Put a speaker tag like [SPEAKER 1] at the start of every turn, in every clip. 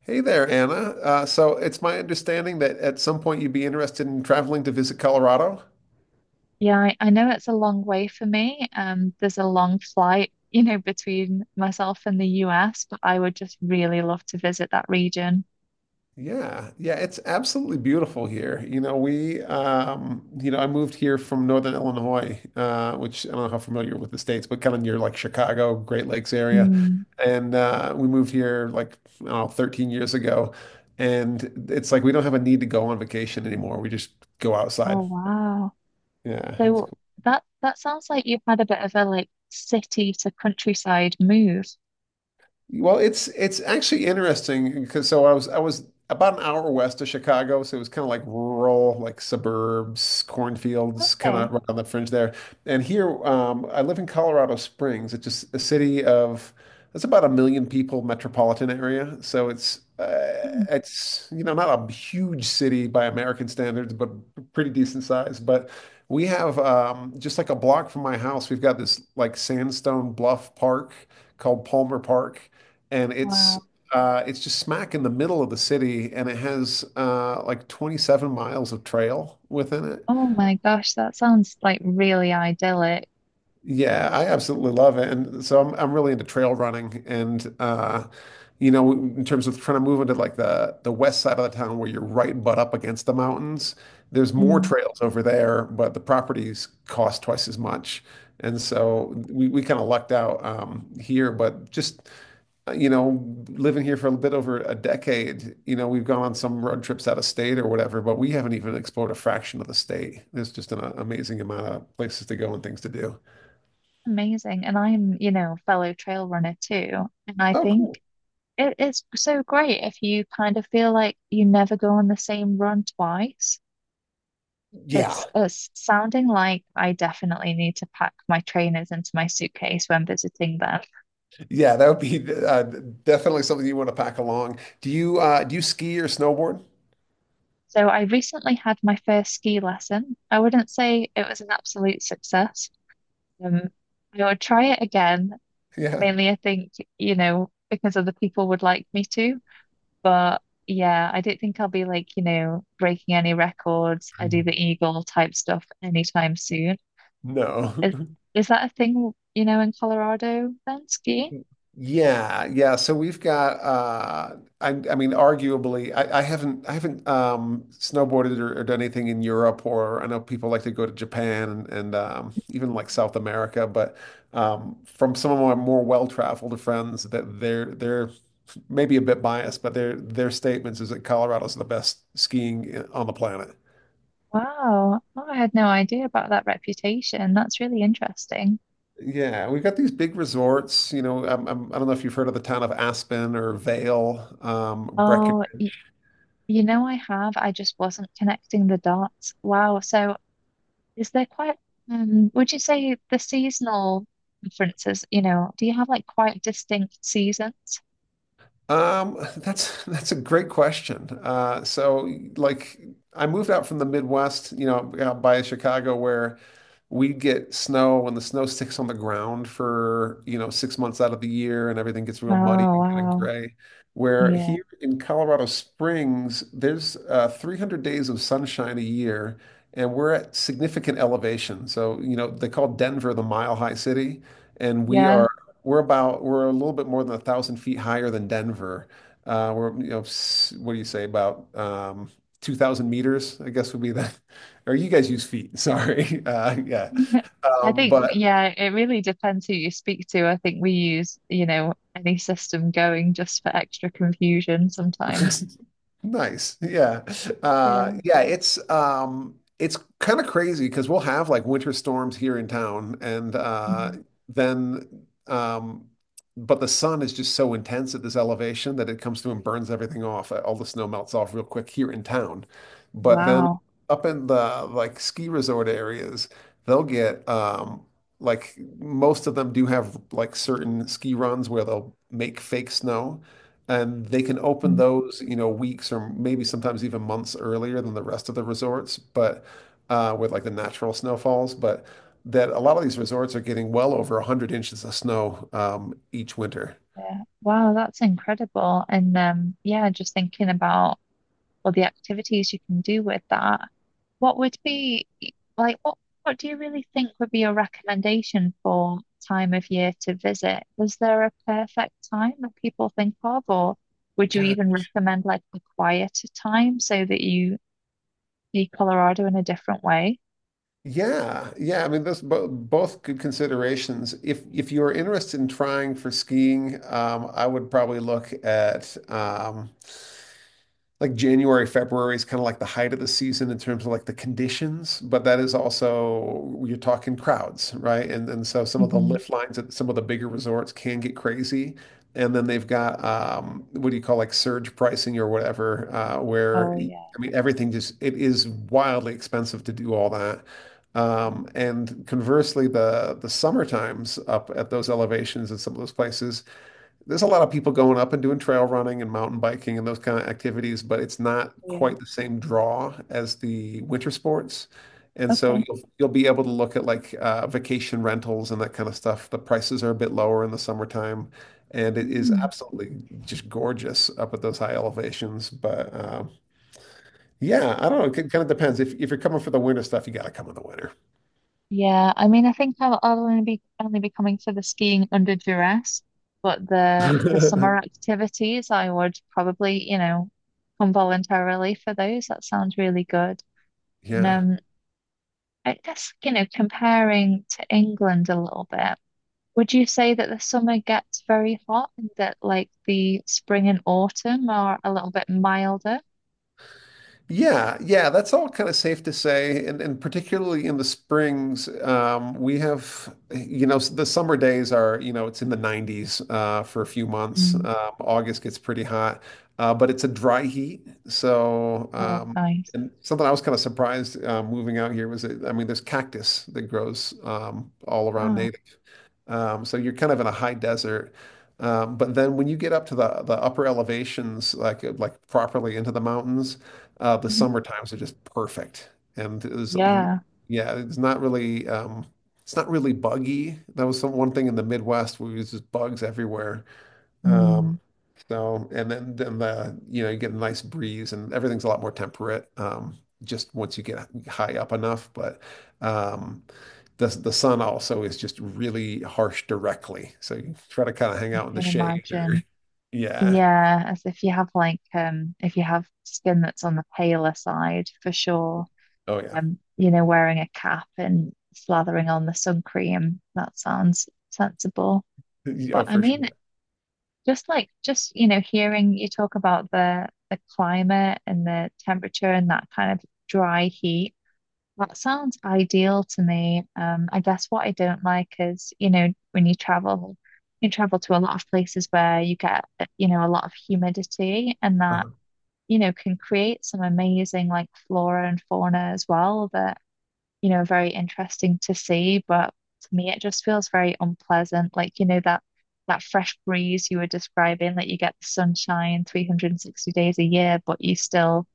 [SPEAKER 1] Hey there, Anna. So it's my understanding that at some point you'd be interested in traveling to visit Colorado.
[SPEAKER 2] Yeah, I know it's a long way for me. There's a long flight, you know, between myself and the US, but I would just really love to visit that region.
[SPEAKER 1] Yeah, yeah, it's absolutely beautiful here. You know, I moved here from Northern Illinois, which I don't know how familiar with the states, but kind of near like Chicago, Great Lakes area.
[SPEAKER 2] Mm.
[SPEAKER 1] And we moved here like, I don't know, 13 years ago. And it's like we don't have a need to go on vacation anymore. We just go
[SPEAKER 2] Oh
[SPEAKER 1] outside.
[SPEAKER 2] wow.
[SPEAKER 1] Yeah, it's
[SPEAKER 2] So that sounds like you've had a bit of a like city to countryside move.
[SPEAKER 1] well, it's actually interesting because so I was about an hour west of Chicago, so it was kind of like rural, like suburbs, cornfields, kind
[SPEAKER 2] Okay.
[SPEAKER 1] of right on the fringe there. And here, I live in Colorado Springs. It's just a city of, it's about 1,000,000 people, metropolitan area. So it's uh,
[SPEAKER 2] Mm.
[SPEAKER 1] it's you know not a huge city by American standards, but pretty decent size. But we have just like a block from my house, we've got this like sandstone bluff park called Palmer Park, and
[SPEAKER 2] Wow.
[SPEAKER 1] it's just smack in the middle of the city, and it has like 27 miles of trail within it.
[SPEAKER 2] Oh my gosh, that sounds like really idyllic.
[SPEAKER 1] Yeah, I absolutely love it, and so I'm really into trail running, and you know, in terms of trying to move into like the west side of the town where you're right butt up against the mountains, there's more
[SPEAKER 2] Mm.
[SPEAKER 1] trails over there, but the properties cost twice as much. And so
[SPEAKER 2] Wow.
[SPEAKER 1] we kind of lucked out here, but just you know, living here for a bit over a decade, you know, we've gone on some road trips out of state or whatever, but we haven't even explored a fraction of the state. There's just an amazing amount of places to go and things to do.
[SPEAKER 2] Amazing. And I'm, you know, fellow trail runner too. And I
[SPEAKER 1] Oh,
[SPEAKER 2] think
[SPEAKER 1] cool.
[SPEAKER 2] it is so great if you kind of feel like you never go on the same run twice.
[SPEAKER 1] Yeah.
[SPEAKER 2] It's sounding like I definitely need to pack my trainers into my suitcase when visiting them.
[SPEAKER 1] Yeah, that would be definitely something you want to pack along. Do you ski or snowboard?
[SPEAKER 2] So I recently had my first ski lesson. I wouldn't say it was an absolute success. Um, I would try it again.
[SPEAKER 1] Yeah.
[SPEAKER 2] Mainly, I think, you know, because other people would like me to. But yeah, I don't think I'll be like, you know, breaking any records. I do the eagle type stuff anytime soon.
[SPEAKER 1] No.
[SPEAKER 2] Is is that a thing, you know, in Colorado then, skiing?
[SPEAKER 1] Yeah, yeah. So we've got I mean arguably I haven't snowboarded or done anything in Europe or I know people like to go to Japan, and even like South America, but from some of my more well-traveled friends that they're maybe a bit biased, but their statements is that Colorado's the best skiing on the planet.
[SPEAKER 2] Wow. Oh, I had no idea about that reputation. That's really interesting.
[SPEAKER 1] Yeah, we've got these big resorts, you know, I don't know if you've heard of the town of Aspen or Vail,
[SPEAKER 2] Oh,
[SPEAKER 1] Breckenridge.
[SPEAKER 2] y You know, I have. I just wasn't connecting the dots. Wow. So is there quite, would you say the seasonal differences, you know, do you have like quite distinct seasons?
[SPEAKER 1] That's a great question. So like I moved out from the Midwest, you know, out by Chicago where we get snow and the snow sticks on the ground for, you know, 6 months out of the year and everything gets
[SPEAKER 2] Oh,
[SPEAKER 1] real muddy and kind of
[SPEAKER 2] wow.
[SPEAKER 1] gray. Where
[SPEAKER 2] Yeah.
[SPEAKER 1] here in Colorado Springs, there's 300 days of sunshine a year and we're at significant elevation. So, you know, they call Denver the mile high city and we
[SPEAKER 2] Yeah.
[SPEAKER 1] are we're about we're a little bit more than 1,000 feet higher than Denver. We're you know what do you say about 2,000 meters? I guess would be that. Or you guys use feet. Sorry. Yeah.
[SPEAKER 2] I
[SPEAKER 1] Um,
[SPEAKER 2] think,
[SPEAKER 1] but
[SPEAKER 2] yeah, it really depends who you speak to. I think we use, you know, any system going just for extra confusion sometimes.
[SPEAKER 1] nice. Yeah.
[SPEAKER 2] Yeah.
[SPEAKER 1] Yeah, it's kind of crazy because we'll have like winter storms here in town and
[SPEAKER 2] Mm.
[SPEAKER 1] then um but the sun is just so intense at this elevation that it comes through and burns everything off. All the snow melts off real quick here in town. But then
[SPEAKER 2] Wow.
[SPEAKER 1] up in the like ski resort areas, they'll get like most of them do have like certain ski runs where they'll make fake snow. And they can open
[SPEAKER 2] Mm.
[SPEAKER 1] those, you know, weeks or maybe sometimes even months earlier than the rest of the resorts, but with like the natural snowfalls. But that a lot of these resorts are getting well over 100 inches of snow each winter.
[SPEAKER 2] Yeah. Wow, that's incredible. And yeah, just thinking about or the activities you can do with that, what would be like what do you really think would be your recommendation for time of year to visit? Is there a perfect time that people think of, or would you
[SPEAKER 1] God.
[SPEAKER 2] even recommend like a quieter time so that you see Colorado in a different way?
[SPEAKER 1] Yeah, yeah. I mean, those bo both good considerations. If you're interested in trying for skiing, I would probably look at like January, February is kind of like the height of the season in terms of like the conditions, but that is also you're talking crowds, right? And so some of the
[SPEAKER 2] Hmm.
[SPEAKER 1] lift lines at some of the bigger resorts can get crazy. And then they've got what do you call like surge pricing or whatever, where
[SPEAKER 2] Oh yeah,
[SPEAKER 1] I mean everything just it is wildly expensive to do all that. And conversely, the summer times up at those elevations at some of those places there's a lot of people going up and doing trail running and mountain biking and those kind of activities, but it's not
[SPEAKER 2] yeah.
[SPEAKER 1] quite the same draw as the winter sports. And so
[SPEAKER 2] Okay.
[SPEAKER 1] you'll be able to look at like vacation rentals and that kind of stuff. The prices are a bit lower in the summertime, and it is
[SPEAKER 2] Mm.
[SPEAKER 1] absolutely just gorgeous up at those high elevations. But yeah, I don't know. It kind of depends. If you're coming for the winter stuff, you got to come in the winter.
[SPEAKER 2] Yeah, I mean, I think I'll only be coming to the skiing under duress, but the summer activities, I would probably, you know, come voluntarily for those. That sounds really good. And,
[SPEAKER 1] Yeah.
[SPEAKER 2] I guess, you know, comparing to England a little bit, would you say that the summer gets very hot and that like the spring and autumn are a little bit milder?
[SPEAKER 1] Yeah, yeah, that's all kind of safe to say, and particularly in the springs, we have, you know, the summer days are, you know, it's in the 90s for a few months.
[SPEAKER 2] Mm.
[SPEAKER 1] August gets pretty hot, but it's a dry heat. So,
[SPEAKER 2] Oh, nice.
[SPEAKER 1] and something I was kind of surprised moving out here was, that, I mean, there's cactus that grows all around
[SPEAKER 2] Oh,
[SPEAKER 1] native. So you're kind of in a high desert. But then when you get up to the upper elevations, like properly into the mountains, the
[SPEAKER 2] mhm.
[SPEAKER 1] summer times are just perfect. And there's,
[SPEAKER 2] Yeah.
[SPEAKER 1] yeah, it's not really buggy. That was some one thing in the Midwest where it was just bugs everywhere. Um,
[SPEAKER 2] Mm,
[SPEAKER 1] so, and then the you know you get a nice breeze and everything's a lot more temperate. Just once you get high up enough, but um, the sun also is just really harsh directly. So you try to kind of hang
[SPEAKER 2] I
[SPEAKER 1] out in the
[SPEAKER 2] can
[SPEAKER 1] shade or
[SPEAKER 2] imagine.
[SPEAKER 1] yeah,
[SPEAKER 2] Yeah, as if you have like if you have skin that's on the paler side, for sure.
[SPEAKER 1] oh yeah,
[SPEAKER 2] You know, wearing a cap and slathering on the sun cream, that sounds sensible. But
[SPEAKER 1] yeah
[SPEAKER 2] I
[SPEAKER 1] for
[SPEAKER 2] mean,
[SPEAKER 1] sure.
[SPEAKER 2] just like just, you know, hearing you talk about the climate and the temperature and that kind of dry heat. That sounds ideal to me. I guess what I don't like is, you know, when you travel to a lot of places where you get, you know, a lot of humidity and that,
[SPEAKER 1] Uh-huh.
[SPEAKER 2] you know, can create some amazing like flora and fauna as well that, you know, are very interesting to see. But to me, it just feels very unpleasant. Like, you know, that fresh breeze you were describing, that you get the sunshine 360 days a year, but you still,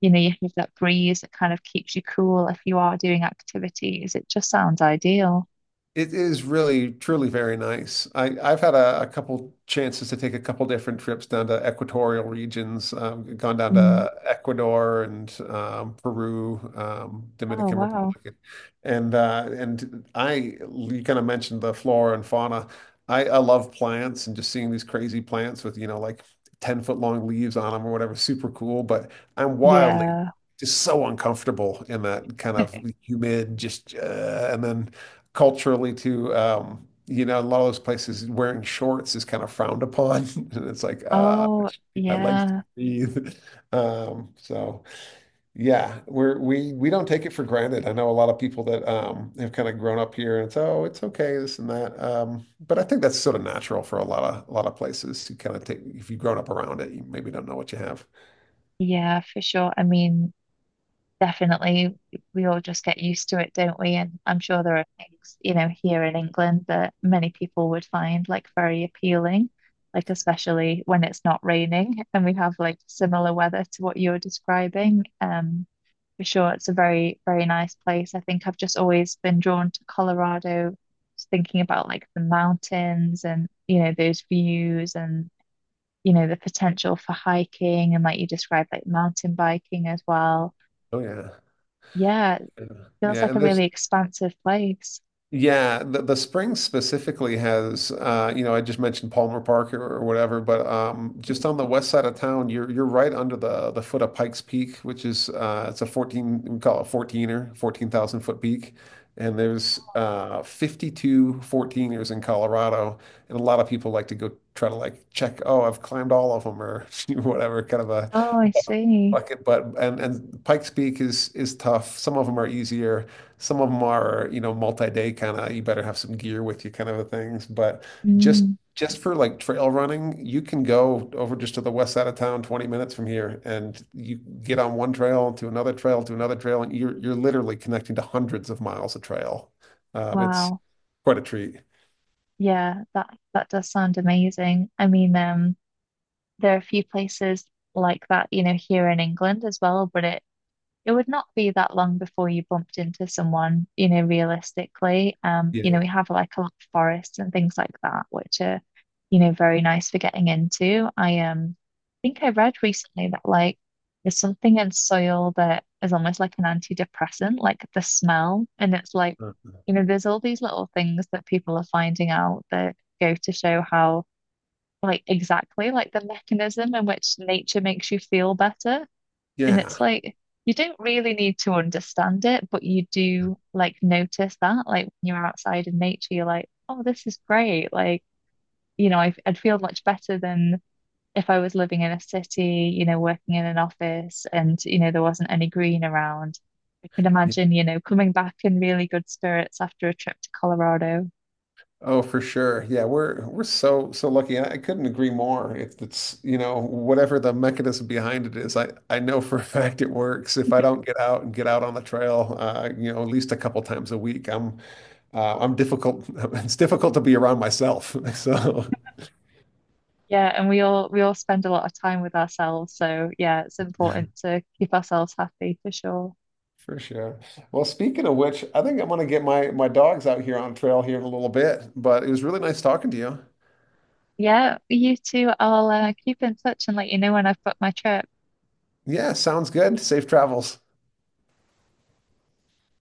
[SPEAKER 2] you know, you have that breeze that kind of keeps you cool if you are doing activities. It just sounds ideal.
[SPEAKER 1] It is really, truly very nice. I've had a couple chances to take a couple different trips down to equatorial regions. Gone down
[SPEAKER 2] Mm.
[SPEAKER 1] to Ecuador and Peru,
[SPEAKER 2] Oh,
[SPEAKER 1] Dominican
[SPEAKER 2] wow.
[SPEAKER 1] Republic, and I you kind of mentioned the flora and fauna. I love plants and just seeing these crazy plants with you know like 10 foot long leaves on them or whatever, super cool. But I'm wildly
[SPEAKER 2] Yeah.
[SPEAKER 1] just so uncomfortable in that kind of humid, just and then culturally too, you know, a lot of those places wearing shorts is kind of frowned upon. And it's like, I
[SPEAKER 2] Oh,
[SPEAKER 1] should keep my legs to
[SPEAKER 2] yeah.
[SPEAKER 1] breathe. So yeah, we don't take it for granted. I know a lot of people that have kind of grown up here and it's oh, it's okay, this and that. But I think that's sort of natural for a lot of places to kind of take if you've grown up around it, you maybe don't know what you have.
[SPEAKER 2] Yeah, for sure. I mean, definitely, we all just get used to it, don't we? And I'm sure there are things, you know, here in England that many people would find like very appealing, like especially when it's not raining and we have like similar weather to what you're describing. For sure. It's a very, very nice place. I think I've just always been drawn to Colorado, just thinking about like the mountains and, you know, those views and, you know, the potential for hiking and like you described, like mountain biking as well.
[SPEAKER 1] Oh yeah.
[SPEAKER 2] Yeah, it
[SPEAKER 1] Yeah.
[SPEAKER 2] feels
[SPEAKER 1] Yeah,
[SPEAKER 2] like
[SPEAKER 1] and
[SPEAKER 2] a
[SPEAKER 1] there's
[SPEAKER 2] really expansive place.
[SPEAKER 1] yeah, the spring specifically has you know, I just mentioned Palmer Park or whatever, but just on the west side of town, you're right under the foot of Pikes Peak, which is it's a 14, we call it 14er, 14,000 foot peak. And there's 52 fourteeners in Colorado, and a lot of people like to go try to like check, oh, I've climbed all of them or whatever, kind of a.
[SPEAKER 2] Oh, I see.
[SPEAKER 1] Like, but and Pikes Peak is tough. Some of them are easier. Some of them are, you know, multi-day kind of. You better have some gear with you, kind of a things. But just
[SPEAKER 2] Mm,
[SPEAKER 1] just for like trail running, you can go over just to the west side of town, 20 minutes from here, and you get on one trail to another trail to another trail, and you're literally connecting to hundreds of miles of trail. It's
[SPEAKER 2] wow.
[SPEAKER 1] quite a treat.
[SPEAKER 2] Yeah, that does sound amazing. I mean, there are a few places like that, you know, here in England as well, but it would not be that long before you bumped into someone, you know, realistically. You know, we
[SPEAKER 1] Yeah.
[SPEAKER 2] have like a lot of forests and things like that, which are, you know, very nice for getting into. I think I read recently that like there's something in soil that is almost like an antidepressant, like the smell. And it's like, you know, there's all these little things that people are finding out that go to show how like exactly like the mechanism in which nature makes you feel better and
[SPEAKER 1] Yeah.
[SPEAKER 2] it's like you don't really need to understand it, but you do like notice that. Like when you're outside in nature, you're like, oh, this is great. Like, you know, I'd feel much better than if I was living in a city, you know, working in an office and, you know, there wasn't any green around. I can imagine, you know, coming back in really good spirits after a trip to Colorado.
[SPEAKER 1] Oh, for sure. Yeah, we're so lucky, and I couldn't agree more. If it's, you know, whatever the mechanism behind it is, I know for a fact it works. If I don't get out and get out on the trail, you know, at least a couple times a week, I'm difficult. It's difficult to be around myself. So
[SPEAKER 2] Yeah, and we all spend a lot of time with ourselves, so yeah, it's important to keep ourselves happy for sure.
[SPEAKER 1] for sure. Well, speaking of which, I think I'm gonna get my dogs out here on trail here in a little bit. But it was really nice talking to you.
[SPEAKER 2] Yeah, you two, I'll keep in touch and let you know when I've booked my trip.
[SPEAKER 1] Yeah, sounds good. Safe travels.